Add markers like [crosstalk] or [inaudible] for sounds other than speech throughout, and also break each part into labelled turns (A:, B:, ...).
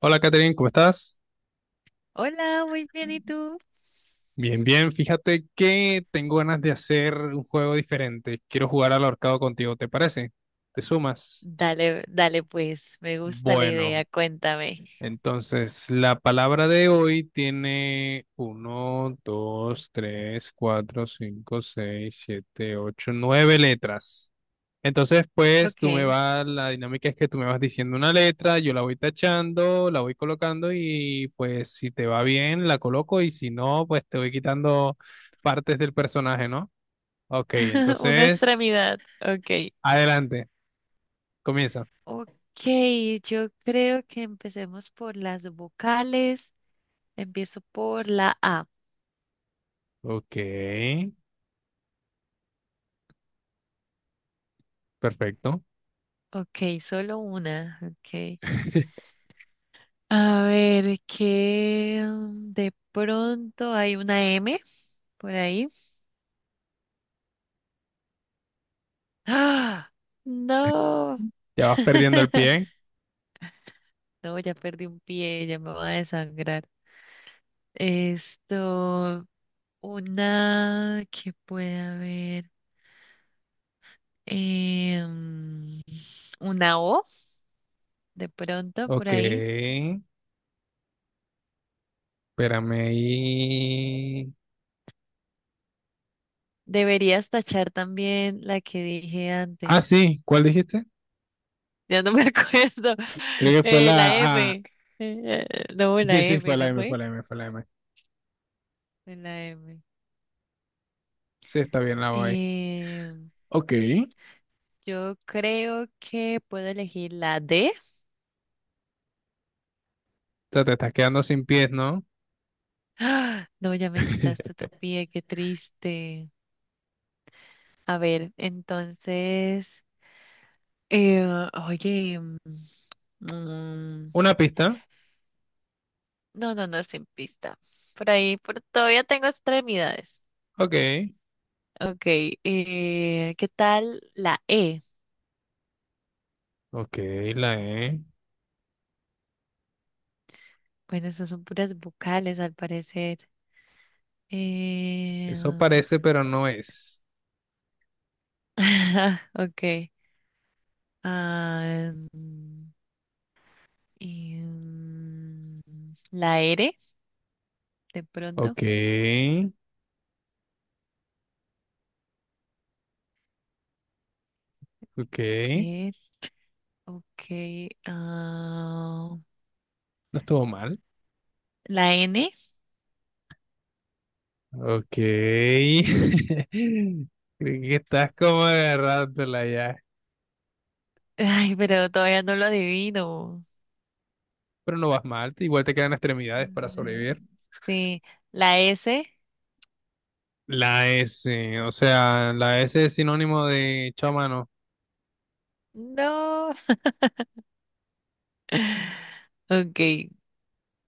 A: Hola Catherine, ¿cómo estás?
B: Hola, muy bien, ¿y tú?
A: Bien, bien. Fíjate que tengo ganas de hacer un juego diferente. Quiero jugar al ahorcado contigo, ¿te parece? ¿Te sumas?
B: Dale, dale pues, me gusta la idea,
A: Bueno,
B: cuéntame.
A: entonces, la palabra de hoy tiene uno, 2, 3, 4, 5, 6, 7, 8, 9 letras. Entonces, pues tú me
B: Ok,
A: vas, la dinámica es que tú me vas diciendo una letra, yo la voy tachando, la voy colocando y pues si te va bien, la coloco y si no, pues te voy quitando partes del personaje, ¿no? Ok,
B: [laughs] una
A: entonces,
B: extremidad, ok.
A: adelante, comienza.
B: Ok, yo creo que empecemos por las vocales, empiezo por la A.
A: Ok, perfecto.
B: Ok, solo una, ok.
A: [laughs]
B: A ver, que de pronto hay una M por ahí. ¡Ah! No.
A: Ya vas perdiendo el pie.
B: [laughs] No, ya perdí un pie, ya me voy a desangrar. Esto, una que puede haber, em, una O de pronto por
A: Ok,
B: ahí.
A: espérame ahí.
B: Deberías tachar también la que dije antes.
A: Ah, sí, ¿cuál dijiste?
B: Ya no me [laughs] acuerdo.
A: Creo que fue
B: La
A: la A.
B: M. Eh, no, la
A: Sí, sí, fue
B: M,
A: la
B: ¿no
A: M, fue
B: fue?
A: la M, fue la M.
B: Fue la M.
A: Sí, está bien la voy.
B: Em,
A: Ok. O
B: yo creo que puedo elegir la D.
A: sea, te estás quedando sin pies, ¿no?
B: ¡Ah! No, ya me quitaste
A: [laughs]
B: otro pie, qué triste. A ver, entonces. Eh, oye, mm,
A: Una pista.
B: no, no, no, sin pista. Por ahí, por, todavía tengo extremidades.
A: Ok.
B: Ok, ¿qué tal la E?
A: Ok, la E.
B: Bueno, esas son puras vocales al parecer. Eh,
A: Eso parece, pero no es.
B: [laughs] ok. ah, mm, y, mm, la R, de pronto.
A: Ok. Ok.
B: ¿Qué es? Ok. ah,
A: No estuvo mal.
B: la N. [laughs]
A: Ok. [laughs] Creo que estás como agarrándola ya.
B: Ay, pero todavía no lo adivino.
A: Pero no vas mal, igual te quedan extremidades para
B: Eh,
A: sobrevivir.
B: Sí, la S.
A: La S, o sea, la S es sinónimo de chao mano,
B: No. [laughs] Ok,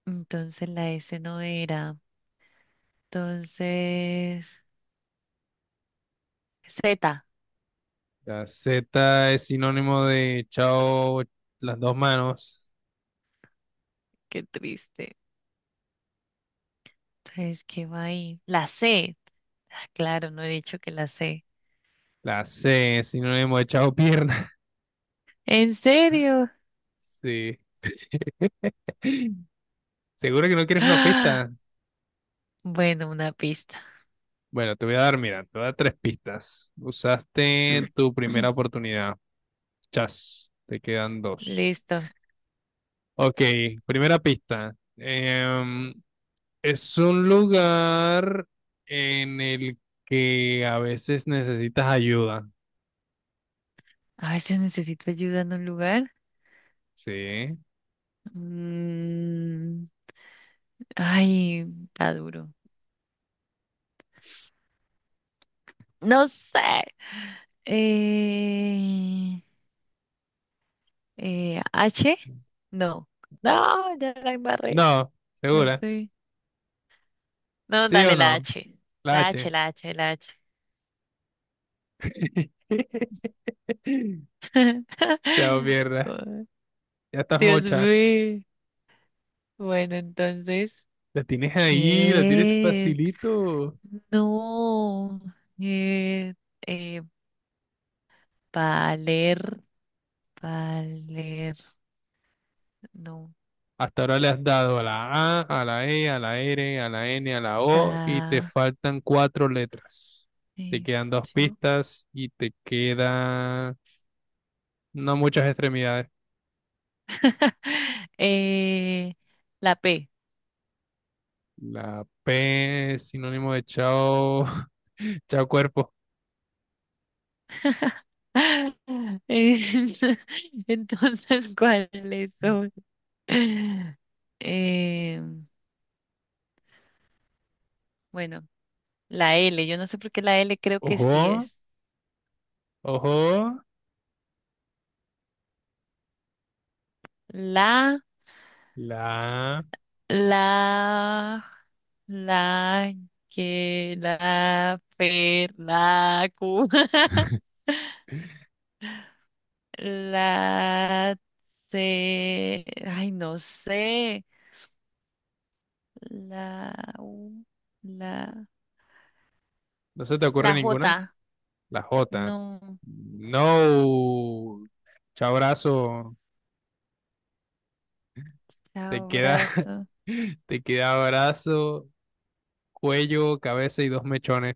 B: entonces la S no era. Entonces, Z.
A: la Z es sinónimo de chao las dos manos,
B: Qué triste. Entonces, ¿qué va ahí? La C. Ah, claro, no he dicho que la C.
A: la C es sinónimo de chao pierna. [laughs]
B: ¿En serio?
A: Sí. ¿Seguro que no quieres una
B: ¡Ah!
A: pista?
B: Bueno, una pista.
A: Bueno, te voy a dar, mira, te voy a dar tres pistas. Usaste tu primera
B: [clears throat]
A: oportunidad. Chas, te quedan dos.
B: Listo.
A: Ok, primera pista. Es un lugar en el que a veces necesitas ayuda.
B: A veces necesito ayuda en un lugar.
A: Sí.
B: Mm, ay, está duro. No sé. Eh, H. No. No, ya la embarré.
A: No,
B: No
A: segura.
B: sé. No,
A: ¿Sí o
B: dale la
A: no?
B: H.
A: La
B: La H,
A: H.
B: la H, la H.
A: [laughs] Chao,
B: [laughs]
A: mierda.
B: Oh,
A: Ya estás
B: Dios
A: mocha.
B: mío. Bueno, entonces,
A: La tienes ahí, la tienes
B: ¿qué?
A: facilito.
B: No. Eh, eh, valer, valer, no
A: Hasta ahora le has dado a la A, a la E, a la R, a la N, a la O y te
B: está
A: faltan cuatro letras. Te quedan dos
B: hecho.
A: pistas y te quedan no muchas extremidades.
B: [laughs] Eh, la P.
A: La P es sinónimo de chao, [laughs] chao cuerpo.
B: [laughs] [laughs] Es- [laughs] Entonces, ¿cuáles son? [laughs] Eh, bueno, la L. Yo no sé por qué la L creo que
A: Ojo,
B: sí es.
A: ojo,
B: La,
A: la A.
B: la, la, que, la, per, la, cu. [laughs]
A: [laughs]
B: La, C. Ay, no sé. La, u, la.
A: ¿No se te ocurre
B: La
A: ninguna?
B: J.
A: La J.
B: No.
A: No. Chao brazo. Te queda,
B: Abrazo.
A: [laughs] te queda brazo cuello, cabeza y dos mechones.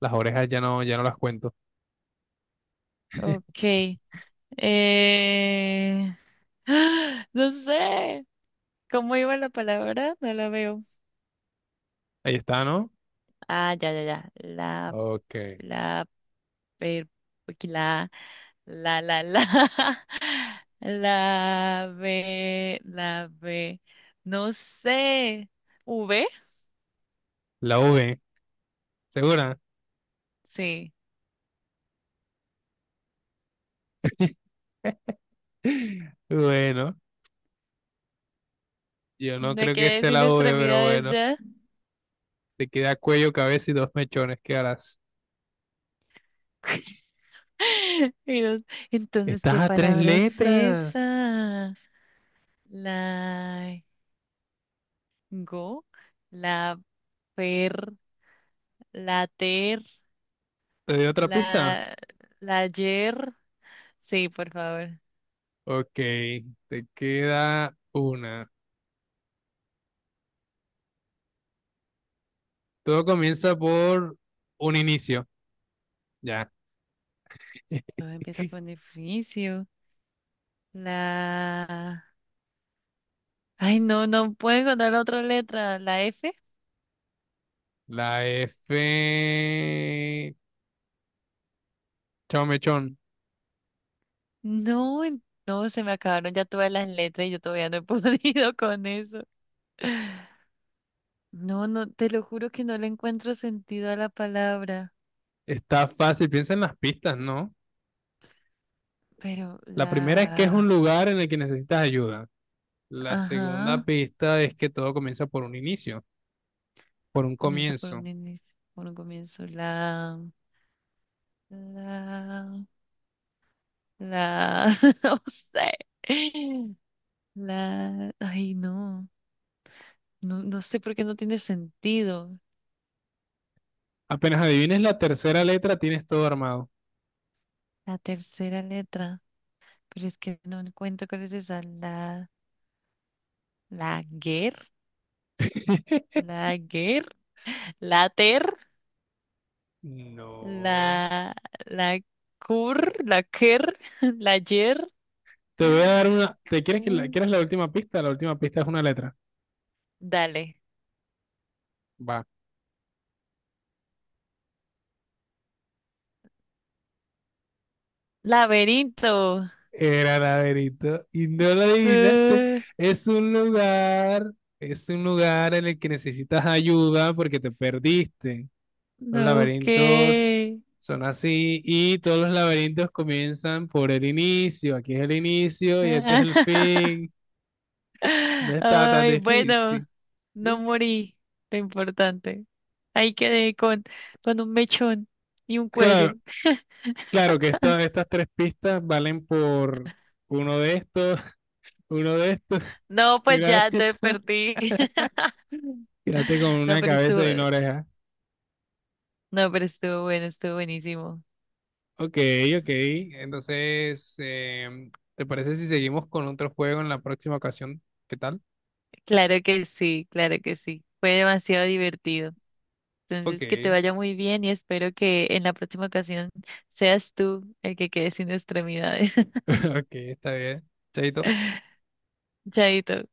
A: Las orejas ya no, ya no las cuento. [laughs]
B: Ok. Eh... [gasps] No sé. ¿Cómo iba la palabra? No la veo.
A: Ahí está, ¿no?
B: Ah, ya, ya, ya. La,
A: Ok.
B: la, per- la, la, la, la. [laughs] La, B. No sé. ¿V?
A: La V, ¿segura?
B: Sí.
A: [laughs] Bueno, yo no
B: Me
A: creo que
B: quedé
A: sea
B: sin
A: la V, pero
B: extremidades
A: bueno.
B: ya.
A: Te queda cuello, cabeza y dos mechones. ¿Qué harás?
B: [laughs] Y no- Entonces,
A: Estás
B: ¿qué
A: a tres
B: palabra es
A: letras.
B: esa? La go, la per, la ter,
A: ¿Te doy otra pista?
B: la, la yer. Sí, por favor.
A: Ok, te queda una. Todo comienza por un inicio. Ya. [laughs]
B: Todo empieza por un edificio. La. Ay, no, no puedo encontrar otra letra. ¿La F?
A: La F. Chao, mechón.
B: No, en- no, se me acabaron ya todas las letras y yo todavía no he [laughs] podido con eso. No, no, te lo juro que no le encuentro sentido a la palabra.
A: Está fácil, piensa en las pistas, ¿no?
B: Pero
A: La primera es que es un
B: la.
A: lugar en el que necesitas ayuda. La segunda
B: Ajá.
A: pista es que todo comienza por un inicio, por un
B: Comienza por
A: comienzo.
B: un inicio, por un comienzo. La, la, [laughs] no sé. La, ay, no, no, no sé por qué no tiene sentido.
A: Apenas adivines la tercera letra, tienes todo armado.
B: La tercera letra, pero es que no encuentro cuál es esa. La guer,
A: [laughs]
B: la guer, la ter,
A: No.
B: la, la cur, la quer, [laughs] la yer.
A: Te voy a dar una. ¿Te quieres
B: Mm.
A: quieres la última pista? La última pista es una letra.
B: Dale.
A: Va.
B: Laberinto.
A: Era laberinto y no lo adivinaste.
B: Uh.
A: Es un lugar, es un lugar en el que necesitas ayuda porque te perdiste. Los
B: Ok.
A: laberintos son así y todos los laberintos comienzan por el inicio. Aquí es el inicio y este es el
B: [laughs]
A: fin. No está tan
B: Ay, bueno,
A: difícil.
B: no morí. Lo importante. Ahí quedé con un mechón y un cuello.
A: Claro, claro que estas tres pistas valen por uno de estos, [laughs] uno de estos
B: No,
A: [laughs] y
B: pues
A: una de
B: ya te
A: estas.
B: perdí. [laughs]
A: Quédate con
B: No,
A: una
B: pero estuvo,
A: cabeza y una oreja.
B: no, pero estuvo bueno, estuvo buenísimo.
A: Ok, ok. Entonces, em, ¿te parece si seguimos con otro juego en la próxima ocasión? ¿Qué tal?
B: Claro que sí, claro que sí. Fue demasiado divertido.
A: Ok,
B: Entonces, que te vaya muy bien y espero que en la próxima ocasión seas tú el que quede sin extremidades. [laughs]
A: [laughs] ok, está bien. Chaito.
B: Chaito.